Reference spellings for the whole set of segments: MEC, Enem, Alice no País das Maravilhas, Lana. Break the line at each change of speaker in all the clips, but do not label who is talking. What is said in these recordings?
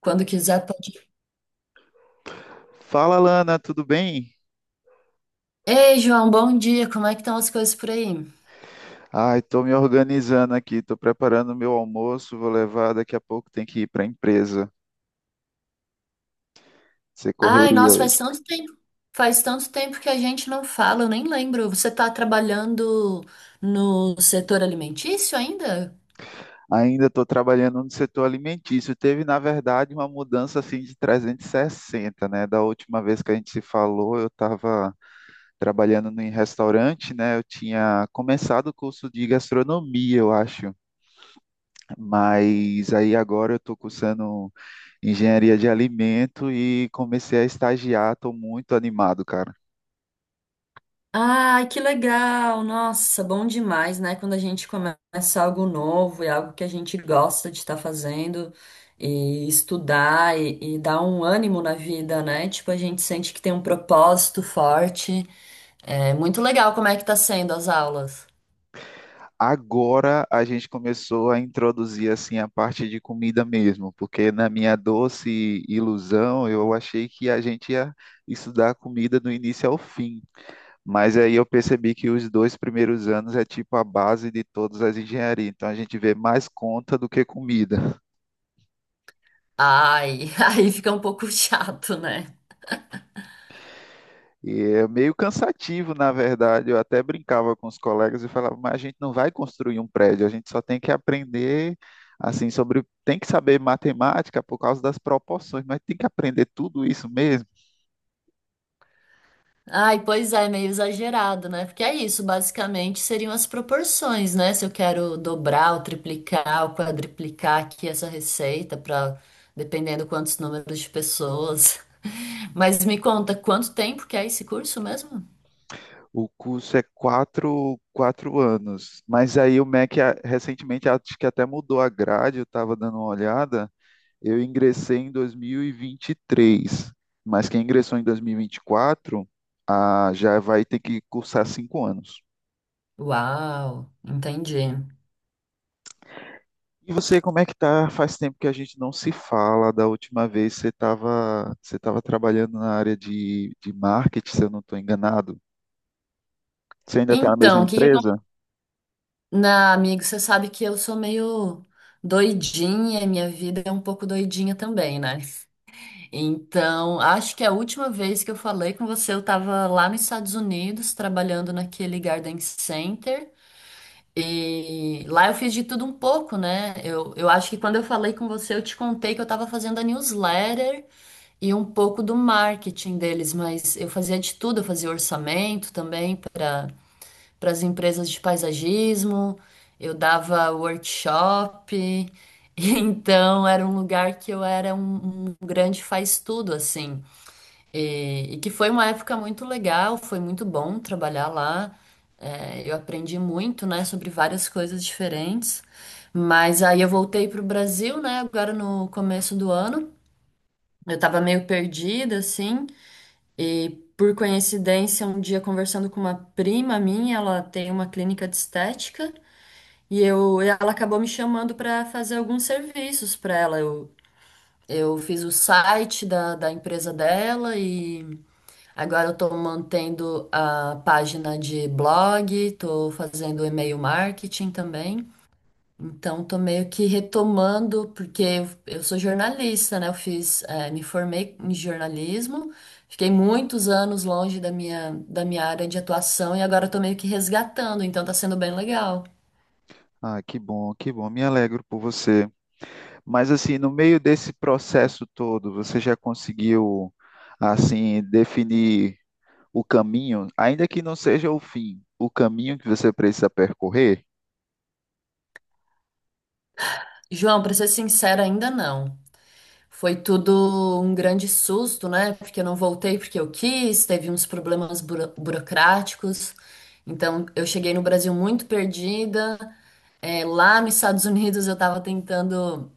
Quando quiser, pode.
Fala, Lana, tudo bem?
Ei, João, bom dia. Como é que estão as coisas por aí?
Ai, tô me organizando aqui, tô preparando meu almoço, vou levar, daqui a pouco tem que ir para a empresa. Você
Ai,
correria
nossa, faz
hoje.
tanto tempo. Faz tanto tempo que a gente não fala, eu nem lembro. Você tá trabalhando no setor alimentício ainda?
Ainda estou trabalhando no setor alimentício. Teve, na verdade, uma mudança assim de 360, né? Da última vez que a gente se falou, eu estava trabalhando em restaurante, né? Eu tinha começado o curso de gastronomia, eu acho, mas aí agora eu estou cursando engenharia de alimento e comecei a estagiar. Estou muito animado, cara.
Ai, que legal! Nossa, bom demais, né? Quando a gente começa algo novo e algo que a gente gosta de estar fazendo e estudar e dar um ânimo na vida, né? Tipo, a gente sente que tem um propósito forte. É muito legal como é que tá sendo as aulas.
Agora a gente começou a introduzir assim a parte de comida mesmo, porque na minha doce ilusão eu achei que a gente ia estudar comida do início ao fim. Mas aí eu percebi que os dois primeiros anos é tipo a base de todas as engenharias. Então a gente vê mais conta do que comida.
Ai, aí fica um pouco chato, né?
E é meio cansativo, na verdade. Eu até brincava com os colegas e falava, mas a gente não vai construir um prédio, a gente só tem que aprender assim sobre, tem que saber matemática por causa das proporções, mas tem que aprender tudo isso mesmo.
Ai, pois é, meio exagerado, né? Porque é isso, basicamente seriam as proporções, né? Se eu quero dobrar ou triplicar ou quadriplicar aqui essa receita para dependendo quantos números de pessoas. Mas me conta, quanto tempo que é esse curso mesmo?
O curso é quatro anos, mas aí o MEC recentemente acho que até mudou a grade, eu estava dando uma olhada. Eu ingressei em 2023, mas quem ingressou em 2024 já vai ter que cursar 5 anos.
Uau, entendi.
E você, como é que tá? Faz tempo que a gente não se fala. Da última vez você tava trabalhando na área de marketing, se eu não estou enganado. Você ainda está na mesma
Então, o que que
empresa?
acontece? Na, amigo, você sabe que eu sou meio doidinha, minha vida é um pouco doidinha também, né? Então, acho que a última vez que eu falei com você, eu estava lá nos Estados Unidos, trabalhando naquele Garden Center. E lá eu fiz de tudo um pouco, né? Eu acho que quando eu falei com você, eu te contei que eu estava fazendo a newsletter e um pouco do marketing deles, mas eu fazia de tudo, eu fazia orçamento também para as empresas de paisagismo, eu dava workshop. Então, era um lugar que eu era um grande faz-tudo, assim. E que foi uma época muito legal, foi muito bom trabalhar lá. É, eu aprendi muito, né, sobre várias coisas diferentes. Mas aí eu voltei pro Brasil, né, agora no começo do ano. Eu estava meio perdida, assim. E por coincidência, um dia conversando com uma prima minha, ela tem uma clínica de estética. E eu, ela acabou me chamando para fazer alguns serviços para ela. Eu fiz o site da empresa dela e agora eu estou mantendo a página de blog, estou fazendo e-mail marketing também. Então, estou meio que retomando, porque eu sou jornalista, né? Eu fiz, me formei em jornalismo, fiquei muitos anos longe da minha área de atuação e agora estou meio que resgatando, então está sendo bem legal.
Ah, que bom, que bom. Me alegro por você. Mas assim, no meio desse processo todo, você já conseguiu assim definir o caminho, ainda que não seja o fim, o caminho que você precisa percorrer?
João, para ser sincera, ainda não. Foi tudo um grande susto, né? Porque eu não voltei porque eu quis, teve uns problemas burocráticos. Então, eu cheguei no Brasil muito perdida. É, lá nos Estados Unidos, eu estava tentando,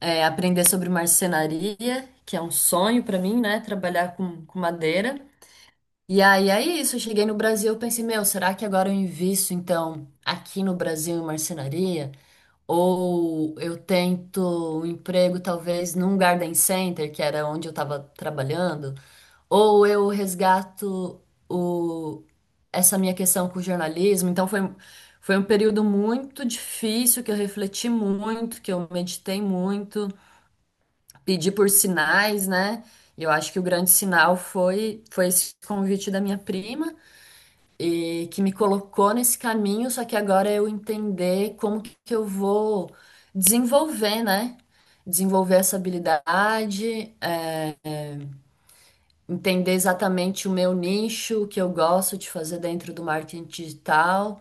é, aprender sobre marcenaria, que é um sonho para mim, né? Trabalhar com madeira. E aí é isso, eu cheguei no Brasil, eu pensei, meu, será que agora eu invisto então aqui no Brasil em marcenaria? Ou eu tento um emprego, talvez, num garden center, que era onde eu estava trabalhando. Ou eu resgato o... essa minha questão com o jornalismo. Então, foi, foi um período muito difícil, que eu refleti muito, que eu meditei muito, pedi por sinais, né? E eu acho que o grande sinal foi, foi esse convite da minha prima e que me colocou nesse caminho, só que agora eu entender como que eu vou desenvolver, né? Desenvolver essa habilidade, entender exatamente o meu nicho, o que eu gosto de fazer dentro do marketing digital.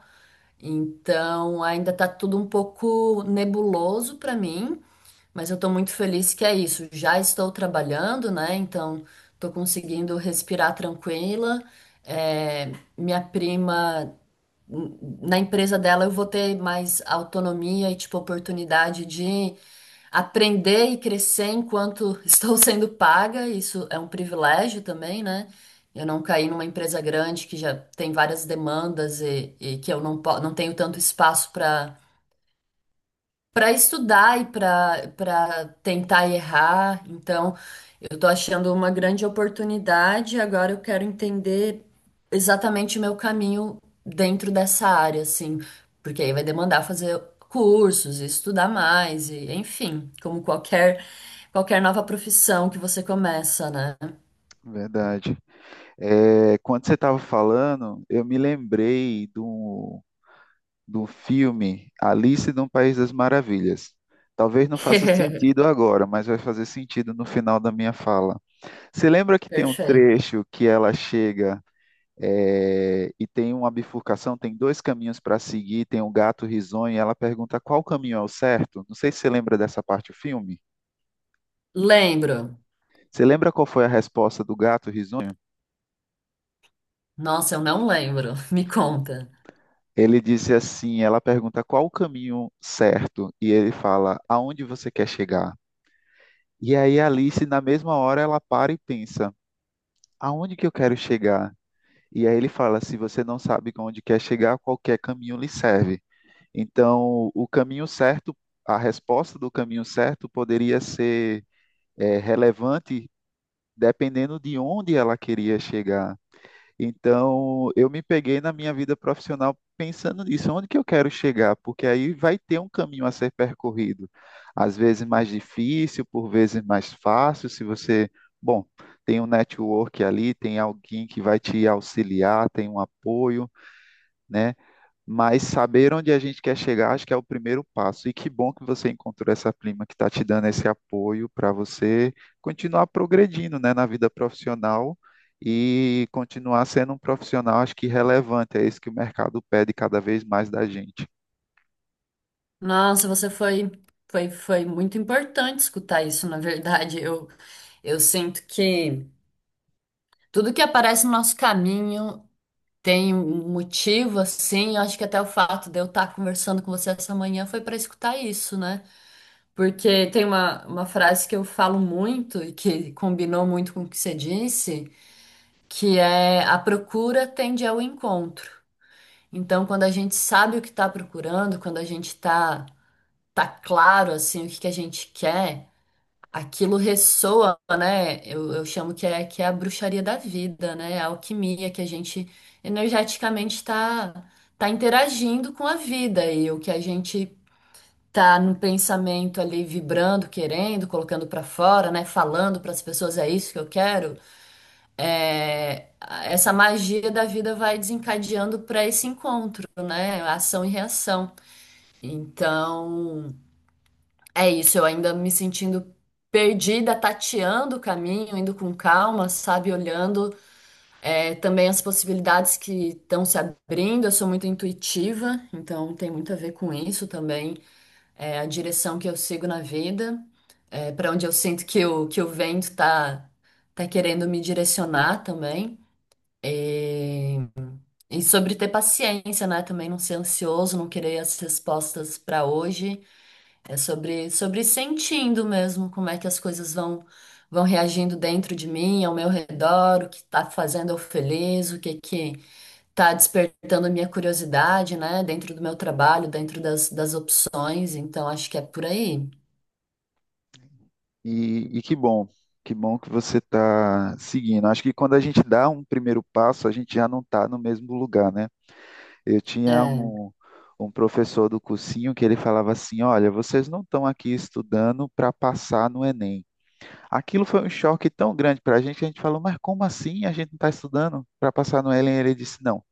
Então, ainda tá tudo um pouco nebuloso para mim, mas eu tô muito feliz que é isso. Já estou trabalhando, né? Então, tô conseguindo respirar tranquila. Eh, Minha prima na empresa dela eu vou ter mais autonomia e tipo oportunidade de aprender e crescer enquanto estou sendo paga. Isso é um privilégio também, né? Eu não caí numa empresa grande que já tem várias demandas e que eu não, não tenho tanto espaço para para estudar e para tentar errar. Então, eu estou achando uma grande oportunidade. Agora eu quero entender exatamente o meu caminho dentro dessa área, assim, porque aí vai demandar fazer cursos, estudar mais e, enfim, como qualquer nova profissão que você começa, né?
Verdade. É, quando você estava falando, eu me lembrei de um do filme Alice no País das Maravilhas. Talvez não faça sentido agora, mas vai fazer sentido no final da minha fala. Você lembra que tem um
Perfeito.
trecho que ela chega e tem uma bifurcação, tem dois caminhos para seguir, tem um gato risonho e ela pergunta qual caminho é o certo? Não sei se você lembra dessa parte do filme.
Lembro.
Você lembra qual foi a resposta do gato risonho?
Nossa, eu não lembro. Me conta.
Ele disse assim, ela pergunta qual o caminho certo e ele fala, aonde você quer chegar? E aí a Alice, na mesma hora, ela para e pensa: aonde que eu quero chegar? E aí ele fala: se você não sabe onde quer chegar, qualquer caminho lhe serve. Então, o caminho certo, a resposta do caminho certo poderia ser relevante dependendo de onde ela queria chegar. Então, eu me peguei na minha vida profissional pensando nisso, onde que eu quero chegar? Porque aí vai ter um caminho a ser percorrido, às vezes mais difícil, por vezes mais fácil, se você, bom, tem um network ali, tem alguém que vai te auxiliar, tem um apoio, né? Mas saber onde a gente quer chegar, acho que é o primeiro passo. E que bom que você encontrou essa prima que está te dando esse apoio para você continuar progredindo, né, na vida profissional e continuar sendo um profissional, acho que relevante. É isso que o mercado pede cada vez mais da gente.
Nossa, você foi, foi, foi muito importante escutar isso, na verdade. Eu sinto que tudo que aparece no nosso caminho tem um motivo, assim. Eu acho que até o fato de eu estar conversando com você essa manhã foi para escutar isso, né? Porque tem uma frase que eu falo muito e que combinou muito com o que você disse, que é a procura tende ao encontro. Então, quando a gente sabe o que está procurando, quando a gente tá, tá claro, assim, o que que a gente quer. Aquilo ressoa, né? Eu chamo que é a bruxaria da vida, né? A alquimia que a gente energeticamente está tá tá interagindo com a vida e o que a gente tá no pensamento ali vibrando, querendo, colocando para fora, né? Falando para as pessoas é isso que eu quero. É, essa magia da vida vai desencadeando para esse encontro, né? Ação e reação. Então é isso, eu ainda me sentindo perdida, tateando o caminho, indo com calma, sabe, olhando é, também as possibilidades que estão se abrindo. Eu sou muito intuitiva, então tem muito a ver com isso também, é, a direção que eu sigo na vida, é, para onde eu sinto que o vento tá, tá querendo me direcionar também. E, e sobre ter paciência, né? Também não ser ansioso, não querer as respostas para hoje. É sobre, sobre sentindo mesmo como é que as coisas vão reagindo dentro de mim, ao meu redor, o que tá fazendo eu feliz, o que que tá despertando a minha curiosidade, né, dentro do meu trabalho, dentro das, das opções, então acho que é por aí.
E que bom, que bom que você está seguindo. Acho que quando a gente dá um primeiro passo, a gente já não está no mesmo lugar, né? Eu tinha
É.
um professor do cursinho que ele falava assim: Olha, vocês não estão aqui estudando para passar no Enem. Aquilo foi um choque tão grande para a gente que a gente falou: Mas como assim a gente não está estudando para passar no Enem? Ele disse: Não,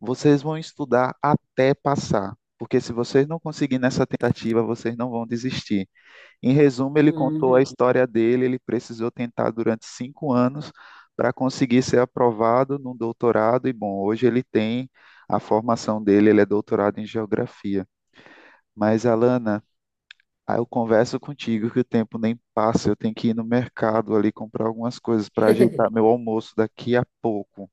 vocês vão estudar até passar, porque se vocês não conseguirem nessa tentativa, vocês não vão desistir. Em resumo, ele contou a
Uhum.
história dele. Ele precisou tentar durante 5 anos para conseguir ser aprovado no doutorado. E bom, hoje ele tem a formação dele, ele é doutorado em geografia. Mas, Alana, aí eu converso contigo que o tempo nem passa. Eu tenho que ir no mercado ali comprar algumas coisas para ajeitar meu almoço daqui a pouco.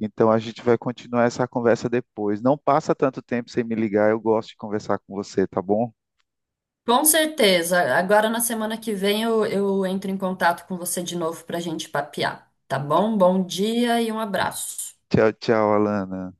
Então a gente vai continuar essa conversa depois. Não passa tanto tempo sem me ligar, eu gosto de conversar com você, tá bom?
Com certeza. Agora na semana que vem eu entro em contato com você de novo para a gente papear, tá bom? Bom dia e um abraço.
Tchau, tchau, Alana.